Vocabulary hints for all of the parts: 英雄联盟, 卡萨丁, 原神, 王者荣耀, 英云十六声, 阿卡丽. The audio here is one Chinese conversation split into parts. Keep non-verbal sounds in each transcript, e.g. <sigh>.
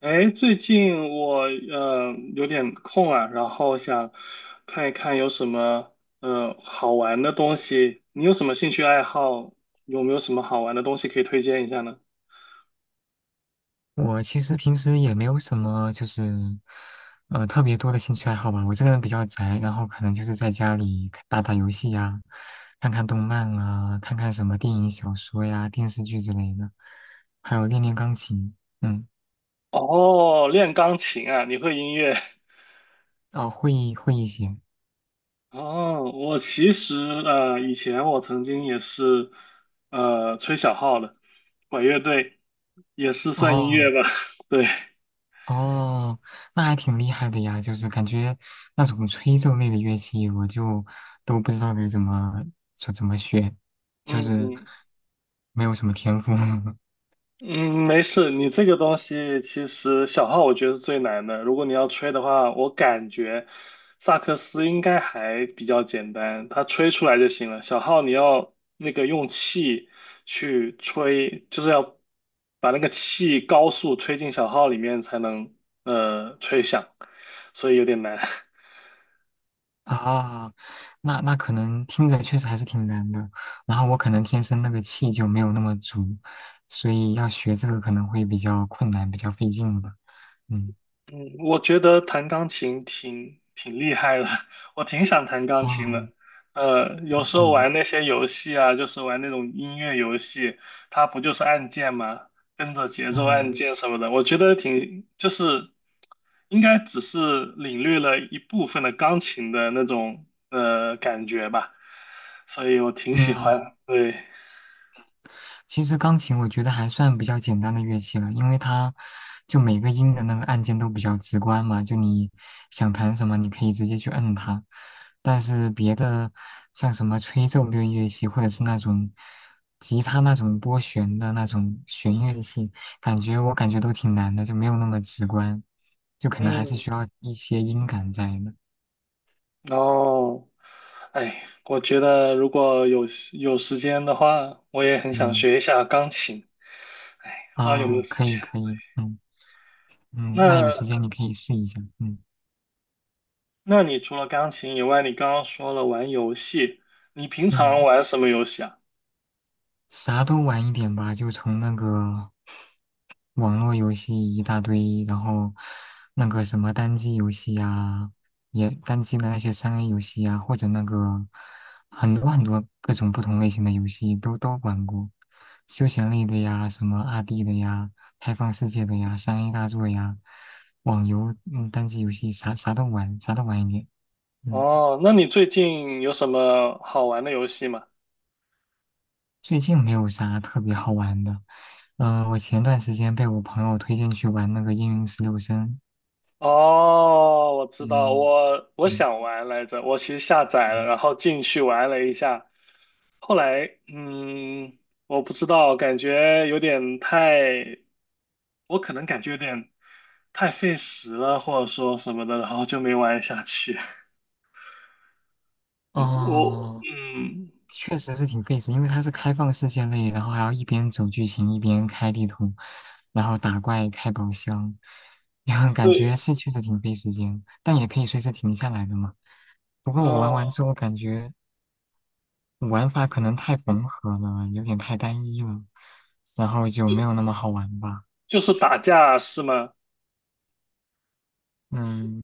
哎，最近我有点空啊，然后想看一看有什么好玩的东西。你有什么兴趣爱好？有没有什么好玩的东西可以推荐一下呢？我其实平时也没有什么，就是，特别多的兴趣爱好吧。我这个人比较宅，然后可能就是在家里看打打游戏呀，看看动漫啊，看看什么电影、小说呀、电视剧之类的，还有练练钢琴。嗯。哦，练钢琴啊，你会音乐？哦，会一些。<laughs> 哦，我其实以前我曾经也是吹小号的，管乐队也是算音哦乐吧？<laughs> 对。哦，那还挺厉害的呀。就是感觉那种吹奏类的乐器，我就都不知道该怎么说怎么学，就是嗯。没有什么天赋。<laughs> 嗯，没事，你这个东西其实小号我觉得是最难的。如果你要吹的话，我感觉萨克斯应该还比较简单，它吹出来就行了。小号你要那个用气去吹，就是要把那个气高速吹进小号里面才能吹响，所以有点难。<laughs> 啊，那可能听着确实还是挺难的。然后我可能天生那个气就没有那么足，所以要学这个可能会比较困难，比较费劲吧。嗯。嗯，我觉得弹钢琴挺厉害的，<laughs> 我挺想弹钢琴哦。的。呃，有时候嗯玩那些游戏啊，就是玩那种音乐游戏，它不就是按键吗？跟着节奏按嗯键什么的，我觉得挺就是应该只是领略了一部分的钢琴的那种感觉吧，所以我挺喜欢。嗯。对。其实钢琴我觉得还算比较简单的乐器了，因为它就每个音的那个按键都比较直观嘛，就你想弹什么，你可以直接去摁它。但是别的像什么吹奏类乐器，或者是那种吉他那种拨弦的那种弦乐器，感觉我感觉都挺难的，就没有那么直观，就可能还是嗯。需要一些音感在的。然后，哎，我觉得如果有时间的话，我也很想嗯。学一下钢琴。哎，不知道有没啊，有时可以间？可以。嗯嗯，那有时那间你可以试一下。嗯那你除了钢琴以外，你刚刚说了玩游戏，你平常嗯。玩什么游戏啊？啥都玩一点吧，就从那个网络游戏一大堆，然后那个什么单机游戏呀、也单机的那些三 A 游戏呀、或者那个很多很多各种不同类型的游戏都玩过，休闲类的呀，什么2D 的呀，开放世界的呀，三 A 大作呀，网游，嗯，单机游戏啥啥都玩，啥都玩一点。嗯。哦，那你最近有什么好玩的游戏吗？最近没有啥特别好玩的。嗯、我前段时间被我朋友推荐去玩那个《英云十六声》。哦，我知道，嗯，我对。想玩来着，我其实下载了，嗯。然后进去玩了一下。后来，嗯，我不知道，感觉有点太，我可能感觉有点太费时了，或者说什么的，然后就没玩下去。嗯我，哦，嗯，确实是挺费时，因为它是开放世界类，然后还要一边走剧情一边开地图，然后打怪开宝箱，<laughs> 感觉对。是确实挺费时间，但也可以随时停下来的嘛。不过我玩完哦，之后感觉玩法可能太缝合了，有点太单一了，然后就没有那么好玩吧。就是打架是吗？嗯。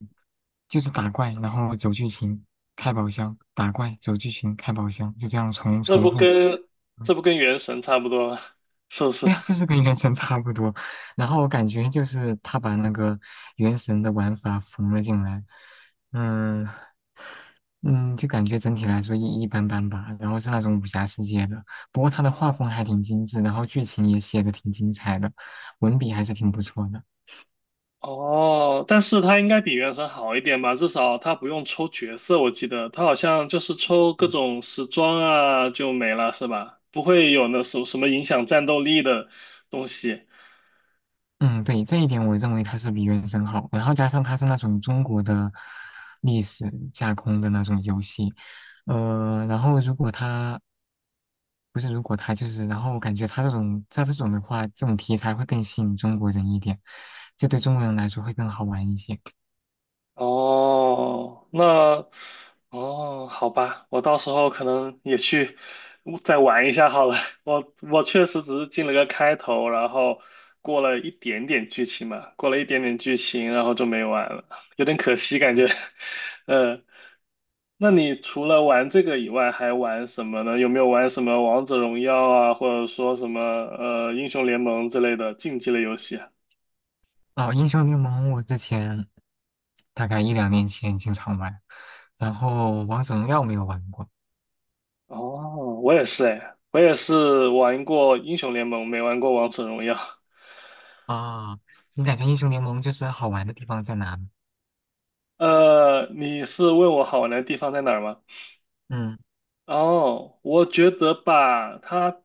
就是打怪，然后走剧情，开宝箱，打怪，走剧情，开宝箱，就这样重这重不复。跟嗯，这不跟原神差不多，是不是？对呀，就是跟原神 <laughs> 差不多。然后我感觉就是他把那个原神的玩法缝了进来。嗯嗯，就感觉整体来说一般般吧。然后是那种武侠世界的，不过他的画风还挺精致，然后剧情也写的挺精彩的，文笔还是挺不错的。哦，但是它应该比原神好一点吧，至少它不用抽角色，我记得它好像就是抽各嗯种时装啊就没了，是吧？不会有那什么影响战斗力的东西。嗯，对，这一点我认为它是比原神好，然后加上它是那种中国的历史架空的那种游戏。然后如果它不是，如果它就是，然后我感觉它这种的话，这种题材会更吸引中国人一点，这对中国人来说会更好玩一些。哦，那哦，好吧，我到时候可能也去再玩一下好了。<laughs> 我确实只是进了个开头，然后过了一点点剧情嘛，过了一点点剧情，然后就没玩了，有点可惜感觉。<laughs> 嗯。那你除了玩这个以外，还玩什么呢？有没有玩什么王者荣耀啊，或者说什么英雄联盟之类的竞技类游戏啊？哦，英雄联盟我之前大概一两年前经常玩，然后王者荣耀没有玩过。哦，我也是哎，我也是玩过英雄联盟，没玩过王者荣耀。啊，你感觉英雄联盟就是好玩的地方在哪呢？呃，你是问我好玩的地方在哪儿吗？嗯。哦，我觉得吧，他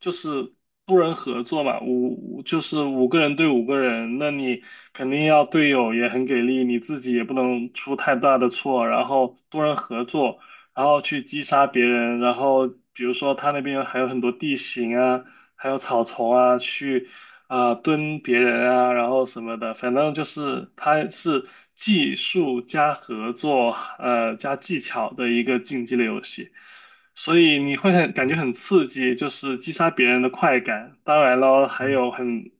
就是多人合作嘛，就是五个人对五个人，那你肯定要队友也很给力，你自己也不能出太大的错，然后多人合作，然后去击杀别人，然后比如说他那边还有很多地形啊，还有草丛啊，去啊、蹲别人啊，然后什么的，反正就是它是技术加合作，呃，加技巧的一个竞技类游戏，所以你会很感觉嗯。很刺激，就是击杀别人的快感。当然了，还嗯。有很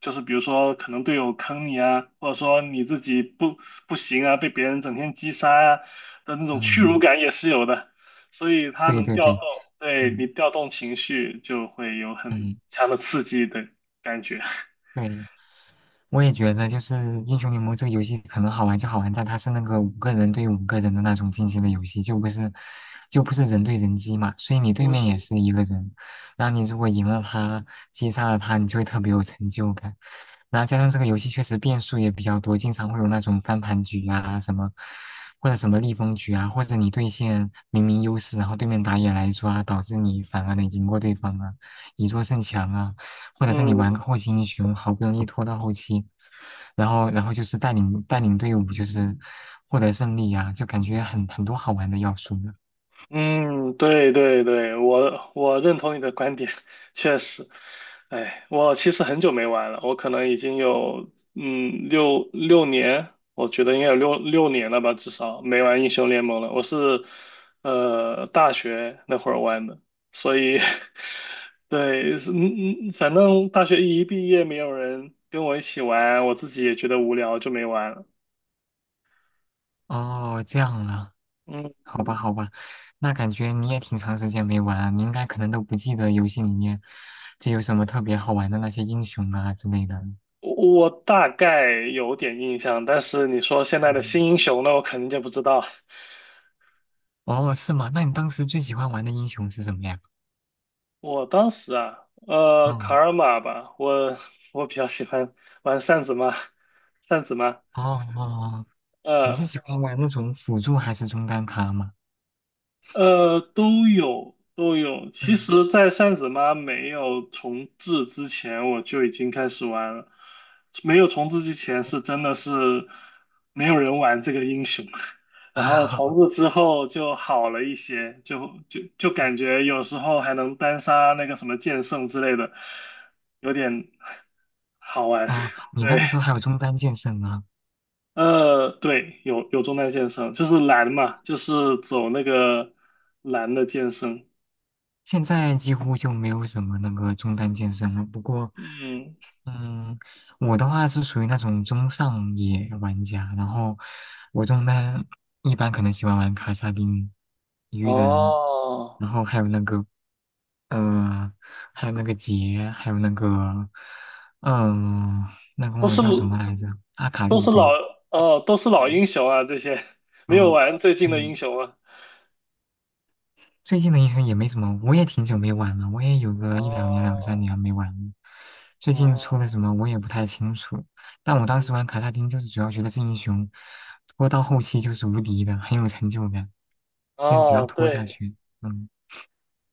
就是比如说可能队友坑你啊，或者说你自己不行啊，被别人整天击杀啊的那种屈辱嗯，感也是有的，所以它对能对调对。动，对你嗯调动情绪就会有很嗯，强的刺激，对。感觉。<laughs> 对，我也觉得就是英雄联盟这个游戏可能好玩就好玩在它是那个五个人对五个人的那种竞技的游戏，就不是人对人机嘛，所以你对面也嗯是一个人，然后你如果赢了他，击杀了他，你就会特别有成就感。然后加上这个游戏确实变数也比较多，经常会有那种翻盘局啊什么，或者什么逆风局啊，或者你对线明明优势，然后对面打野来抓，导致你反而能赢过对方啊，以弱胜强啊。或者是你玩嗯个后期英雄，好不容易拖到后期，然后就是带领队伍，就是获得胜利呀、就感觉很多好玩的要素呢。嗯，对对对，我认同你的观点，<laughs> 确实。哎，我其实很久没玩了，我可能已经有嗯六年，我觉得应该有六年了吧，至少没玩英雄联盟了。我是呃大学那会儿玩的，所以 <laughs> 对，是嗯嗯，反正大学一毕业没有人跟我一起玩，我自己也觉得无聊，就没玩了。哦，这样啊，嗯。好吧嗯好吧。那感觉你也挺长时间没玩啊你应该可能都不记得游戏里面就有什么特别好玩的那些英雄啊之类的。我大概有点印象，但是你说现在的嗯。新英雄，那我肯定就不知道。哦，是吗？那你当时最喜欢玩的英雄是什么呀？我当时啊，呃，卡嗯。尔玛吧，我比较喜欢玩扇子妈，扇子妈，哦哦。哦，你是呃。喜欢玩那种辅助还是中单卡吗？呃，都有都有。其嗯。实，在扇子妈没有重置之前，我就已经开始玩了。没有重置之前，是真的是没有人玩这个英雄。<laughs> 然后重 <laughs> 置之后就好了一些，就感觉有时候还能单杀那个什么剑圣之类的，有点好玩。哦，<laughs> 你那对，个时候还有中单剑圣啊，呃，对，有中单剑圣，就是蓝嘛，就是走那个蓝的剑圣。现在几乎就没有什么那个中单剑圣了。不过，嗯，嗯，我的话是属于那种中上野玩家，然后我中单一般可能喜欢玩卡萨丁、鱼人，哦，然后还有那个，呃，还有那个杰，还有那个，嗯、那个都忘了是叫什么来着，阿卡都丽，是老对。哦，都是老嗯、英雄啊，这些 <laughs> 没有啊。玩最近的英嗯，雄啊。最近的英雄也没什么，我也挺久没玩了，我也有个一两年、两三哦年没玩了。最近哦出的什么我也不太清楚，但我当时玩卡萨丁就是主要觉得这英雄拖到后期就是无敌的，很有成就感，但只要哦，拖下对去。嗯。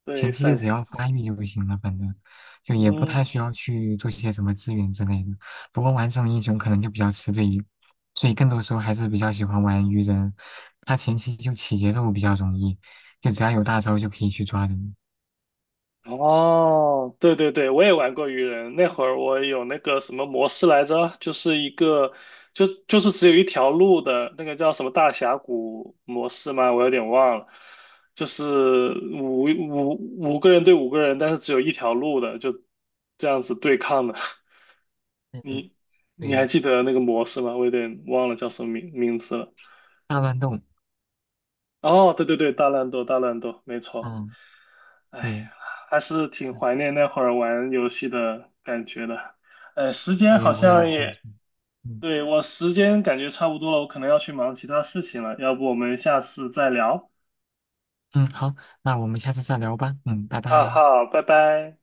对，前期就陕只要西，发育就不行了，反正就也不嗯，太需要去做些什么资源之类的。不过玩这种英雄可能就比较吃队友，所以更多时候还是比较喜欢玩鱼人，他前期就起节奏比较容易，就只要有大招就可以去抓人。哦，对对对，我也玩过鱼人。那会儿我有那个什么模式来着，就是一个就是只有一条路的那个叫什么大峡谷模式吗？我有点忘了，就是五五五个人对五个人，但是只有一条路的，就这样子对抗的。<laughs> 嗯，你你对，还记得那个模式吗？我有点忘了叫什么名字了。大乱斗。哦，对对对，大乱斗，大乱斗，没错。嗯，哎，对，还是挺怀念那会儿玩游戏的感觉的。呃，时间对，好我也像是。也，嗯对，我时间感觉差不多了，我可能要去忙其他事情了，要不我们下次再聊？嗯，好，那我们下次再聊吧。嗯，拜哈拜。哈，拜拜。